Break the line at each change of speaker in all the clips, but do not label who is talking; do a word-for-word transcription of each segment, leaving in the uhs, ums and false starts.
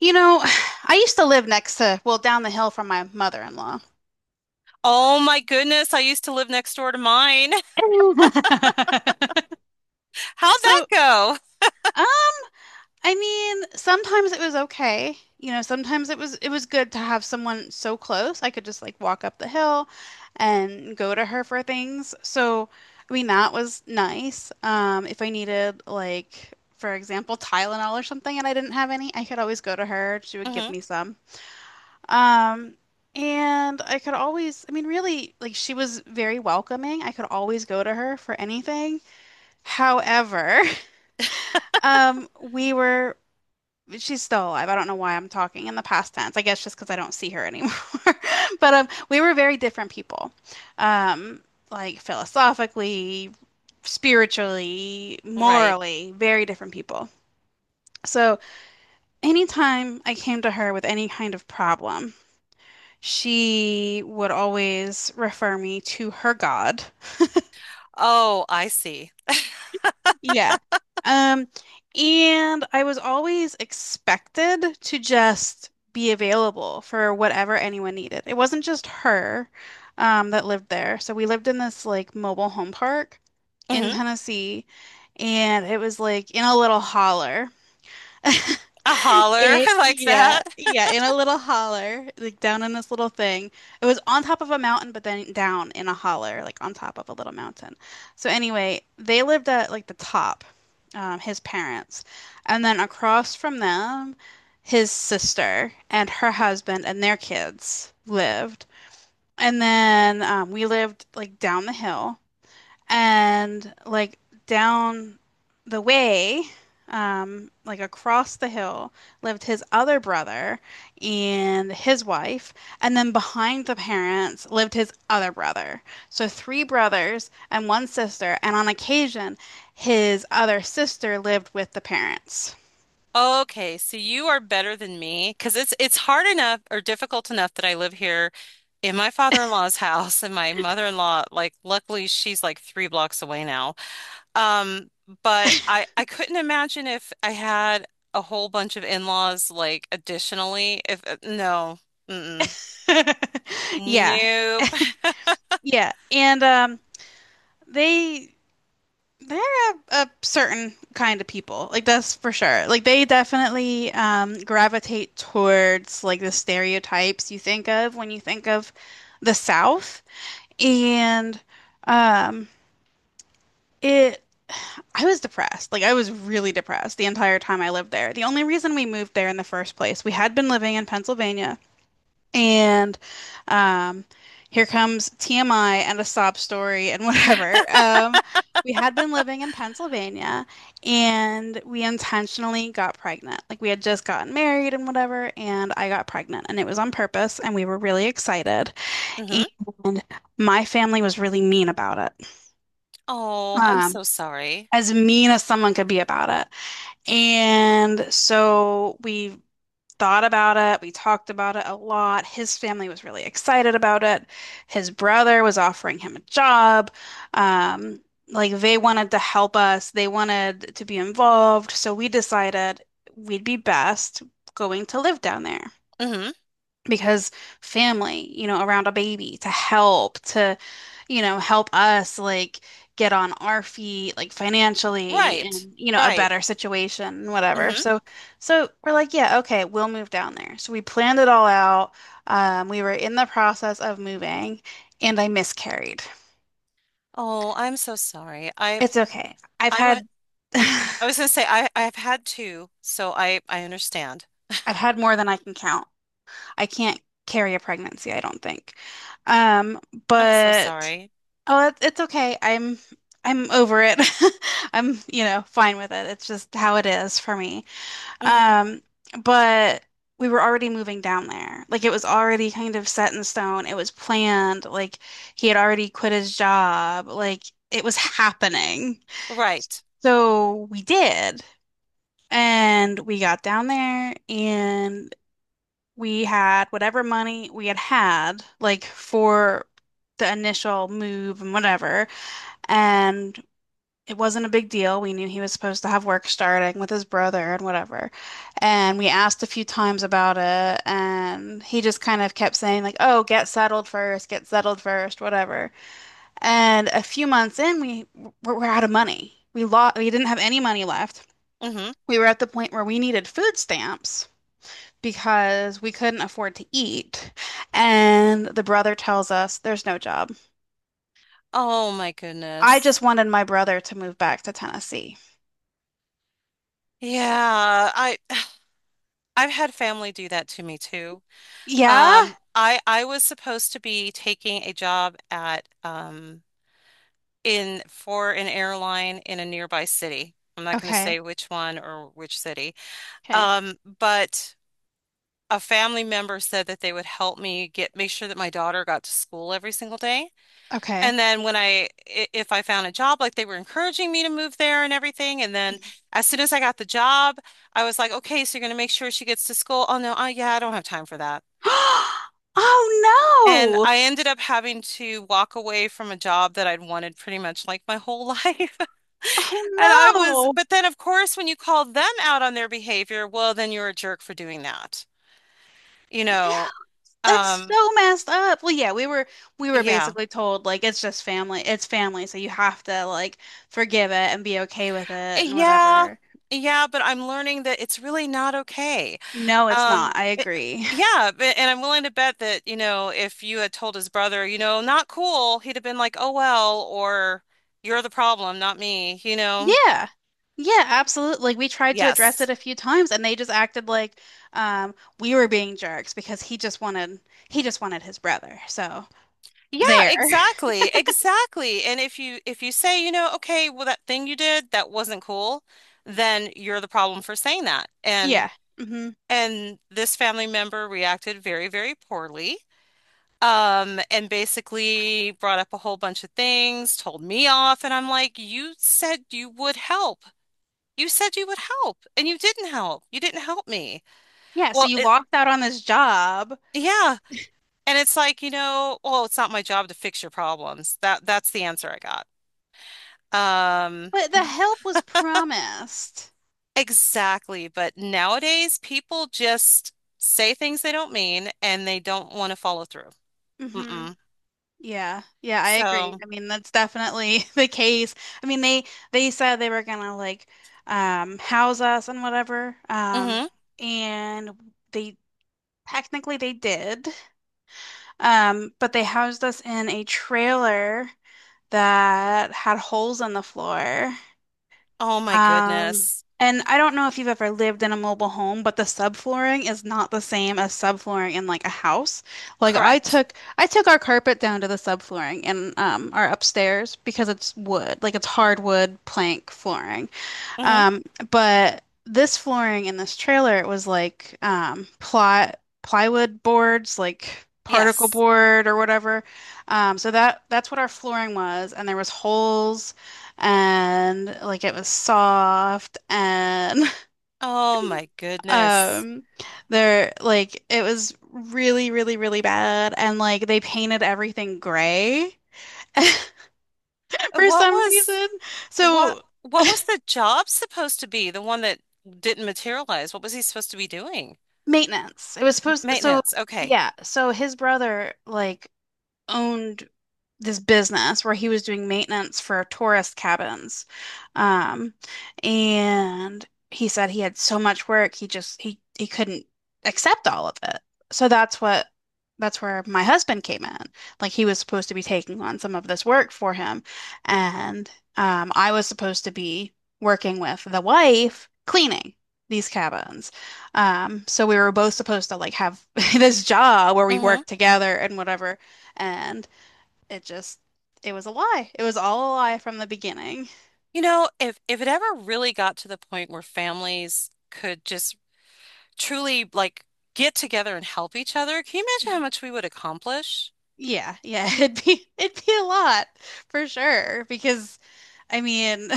You know, I used to live next to, well, down the hill from my mother-in-law.
Oh my goodness, I used to live next door to mine. How'd that
So,
go?
uh, I mean, sometimes it was okay. You know, sometimes it was it was good to have someone so close. I could just like walk up the hill and go to her for things. So, I mean, that was nice. Um, if I needed like, for example, Tylenol or something and I didn't have any, I could always go to her. She would give
Hmm.
me some. Um, and I could always, I mean, really, like she was very welcoming. I could always go to her for anything. However, um, we were, she's still alive. I don't know why I'm talking in the past tense. I guess just because I don't see her anymore. But um, we were very different people. Um, like philosophically, spiritually,
Right.
morally, very different people. So anytime I came to her with any kind of problem, she would always refer me to her god.
Oh, I see.
Yeah. Um, and I was always expected to just be available for whatever anyone needed. It wasn't just her, um, that lived there. So we lived in this like mobile home park in
Hmm.
Tennessee, and it was like in a little holler.
A holler.
It,
I like
yeah,
that.
yeah, in a little holler, like down in this little thing. It was on top of a mountain, but then down in a holler, like on top of a little mountain. So anyway, they lived at like the top, um, his parents, and then across from them, his sister and her husband and their kids lived, and then um, we lived like down the hill. And like down the way, um, like across the hill, lived his other brother and his wife. And then behind the parents lived his other brother. So three brothers and one sister. And on occasion, his other sister lived with the parents.
Okay, so you are better than me because it's it's hard enough or difficult enough that I live here in my father-in-law's house and my mother-in-law, like luckily she's like three blocks away now. Um, but I I couldn't imagine if I had a whole bunch of in-laws like additionally if uh, no. Mm-mm.
Yeah,
Nope.
yeah. And um, they They're a, a certain kind of people. Like that's for sure. Like they definitely um gravitate towards like the stereotypes you think of when you think of the South. And um it I was depressed. Like I was really depressed the entire time I lived there. The only reason we moved there in the first place, we had been living in Pennsylvania and um, here comes T M I and a sob story and whatever. Um, we had been living in Pennsylvania and we intentionally got pregnant. Like we had just gotten married and whatever, and I got pregnant and it was on purpose and we were really excited.
Mm-hmm.
And my family was really mean about it.
Oh, I'm
Um,
so sorry.
as mean as someone could be about it. And so we thought about it. We talked about it a lot. His family was really excited about it. His brother was offering him a job. Um, like they wanted to help us, they wanted to be involved. So we decided we'd be best going to live down there
Mm-hmm.
because family, you know, around a baby to help, to, you know, help us like get on our feet, like financially
Right.
and, you know, a
Right.
better situation and whatever.
Mm-hmm.
So, so we're like, yeah, okay, we'll move down there. So we planned it all out. Um, we were in the process of moving and I miscarried.
Oh, I'm so sorry. I
It's okay. I've
I went
had,
I
I've
was gonna say I I've had two, so I I understand.
had more than I can count. I can't carry a pregnancy, I don't think. Um,
I'm so
but
sorry.
Oh, it- it's okay. I'm I'm over it. I'm, you know, fine with it. It's just how it is for me.
Mm-hmm.
Um, but we were already moving down there. Like it was already kind of set in stone. It was planned. Like he had already quit his job. Like it was happening.
Right.
So we did. And we got down there and we had whatever money we had had, like for the initial move and whatever and it wasn't a big deal. We knew he was supposed to have work starting with his brother and whatever. And we asked a few times about it, and he just kind of kept saying like, "Oh, get settled first, get settled first, whatever." And a few months in, we were, were out of money. We lost, we didn't have any money left.
Mm-hmm.
We were at the point where we needed food stamps because we couldn't afford to eat. And the brother tells us there's no job.
Oh my
I
goodness.
just wanted my brother to move back to Tennessee.
Yeah, I I've had family do that to me too.
Yeah.
Um, I I was supposed to be taking a job at um in for an airline in a nearby city. I'm not going to
Okay.
say which one or which city.
Okay.
Um, but a family member said that they would help me get make sure that my daughter got to school every single day.
Okay.
And then when I i- if I found a job, like they were encouraging me to move there and everything. And then
Mhm.
as soon as I got the job, I was like, okay, so you're gonna make sure she gets to school. Oh no, uh, yeah, I don't have time for that.
Oh
And
no!
I ended up having to walk away from a job that I'd wanted pretty much like my whole life. And I was,
Oh
but then of course, when you call them out on their behavior, well, then you're a jerk for doing that, you
no!
know?
That's
Um,
so messed up. Well, yeah, we were we were
yeah.
basically told like it's just family. It's family, so you have to like forgive it and be okay with it and
Yeah.
whatever.
Yeah, but I'm learning that it's really not okay.
No, it's
Um,
not. I
it-
agree.
yeah, but, and I'm willing to bet that, you know, if you had told his brother, you know, not cool, he'd have been like, "Oh well," or "You're the problem, not me," you know.
Yeah. Yeah, absolutely. Like we tried to address
Yes.
it a few times and they just acted like um we were being jerks because he just wanted he just wanted his brother. So
Yeah,
there.
exactly. Exactly. And if you if you say, you know, okay, well that thing you did, that wasn't cool, then you're the problem for saying that. And
Yeah. Mhm.
and this family member reacted very, very poorly. Um, and basically brought up a whole bunch of things, told me off, and I'm like, you said you would help. You said you would help, and you didn't help. You didn't help me.
Yeah, so
Well,
you
it,
locked out on this job,
yeah. And it's like, you know, oh, it's not my job to fix your problems. That that's the answer I got. Um,
but the help was promised.
exactly. But nowadays people just say things they don't mean and they don't want to follow through.
Hmm.
Mm-mm.
Yeah. Yeah, I agree.
So,
I mean, that's definitely the case. I mean, they they said they were gonna like um house us and whatever. Um
hmm.
and they technically they did. Um, but they housed us in a trailer that had holes in the floor.
Oh my
Um,
goodness.
and I don't know if you've ever lived in a mobile home, but the subflooring is not the same as subflooring in like a house. Like I
Correct.
took I took our carpet down to the subflooring in um our upstairs because it's wood, like it's hardwood plank flooring.
Hmm.
Um, but this flooring in this trailer, it was like um, ply plywood boards, like particle
Yes.
board or whatever. Um, so that that's what our flooring was, and there was holes, and like it was soft, and
Oh my goodness.
um, there like it was really, really, really bad, and like they painted everything gray.
Uh,
For
What
some
was
reason.
what
So
what was the job supposed to be? The one that didn't materialize. What was he supposed to be doing?
Maintenance. It was supposed so
Maintenance. Okay.
yeah, so his brother like owned this business where he was doing maintenance for tourist cabins. Um, and he said he had so much work, he just he he couldn't accept all of it. So that's what that's where my husband came in. Like he was supposed to be taking on some of this work for him, and um, I was supposed to be working with the wife cleaning these cabins. Um, so we were both supposed to like have this job where we
Hmm.
work together and whatever. And it just it was a lie. It was all a lie from the beginning.
You know, if if it ever really got to the point where families could just truly like get together and help each other, can you imagine how much we would accomplish?
Yeah, yeah, it'd be it'd be a lot for sure because I mean,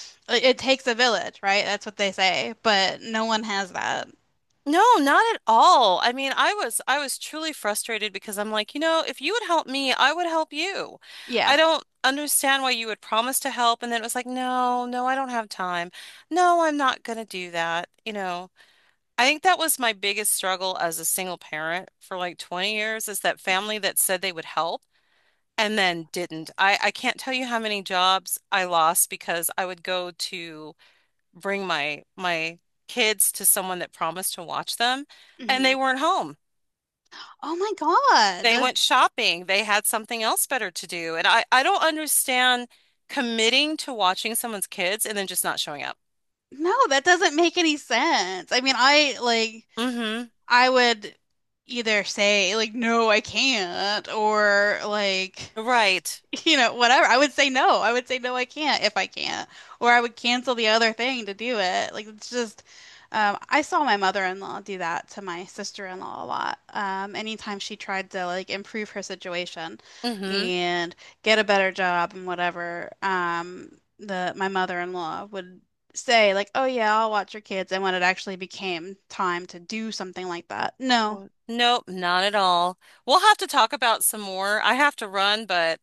it takes a village, right? That's what they say, but no one has that.
No, not at all. I mean, I was I was truly frustrated because I'm like, you know, if you would help me, I would help you. I
Yeah.
don't understand why you would promise to help and then it was like, no, no, I don't have time. No, I'm not gonna do that. You know, I think that was my biggest struggle as a single parent for like twenty years is that
Mhm.
family that said they would help and then didn't. I I can't tell you how many jobs I lost because I would go to bring my my kids to someone that promised to watch them, and
Mhm.
they weren't home.
Oh my
They
God.
went shopping. They had something else better to do. And I I don't understand committing to watching someone's kids and then just not showing up.
No, that doesn't make any sense. I mean, I like
Mm-hmm.
I would either say like no, I can't or like
Right.
you know, whatever. I would say no. I would say no, I can't if I can't. Or I would cancel the other thing to do it. Like it's just um I saw my mother-in-law do that to my sister-in-law a lot. Um anytime she tried to like improve her situation
Mm-hmm.
and get a better job and whatever, um the my mother-in-law would say like, "Oh yeah, I'll watch your kids." And when it actually became time to do something like that, no.
Well, nope, not at all. We'll have to talk about some more. I have to run, but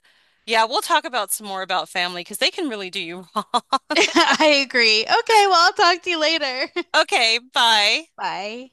yeah, we'll talk about some more about family because they can really do you wrong.
I agree. Okay, well, I'll talk to you later.
Okay, bye.
Bye.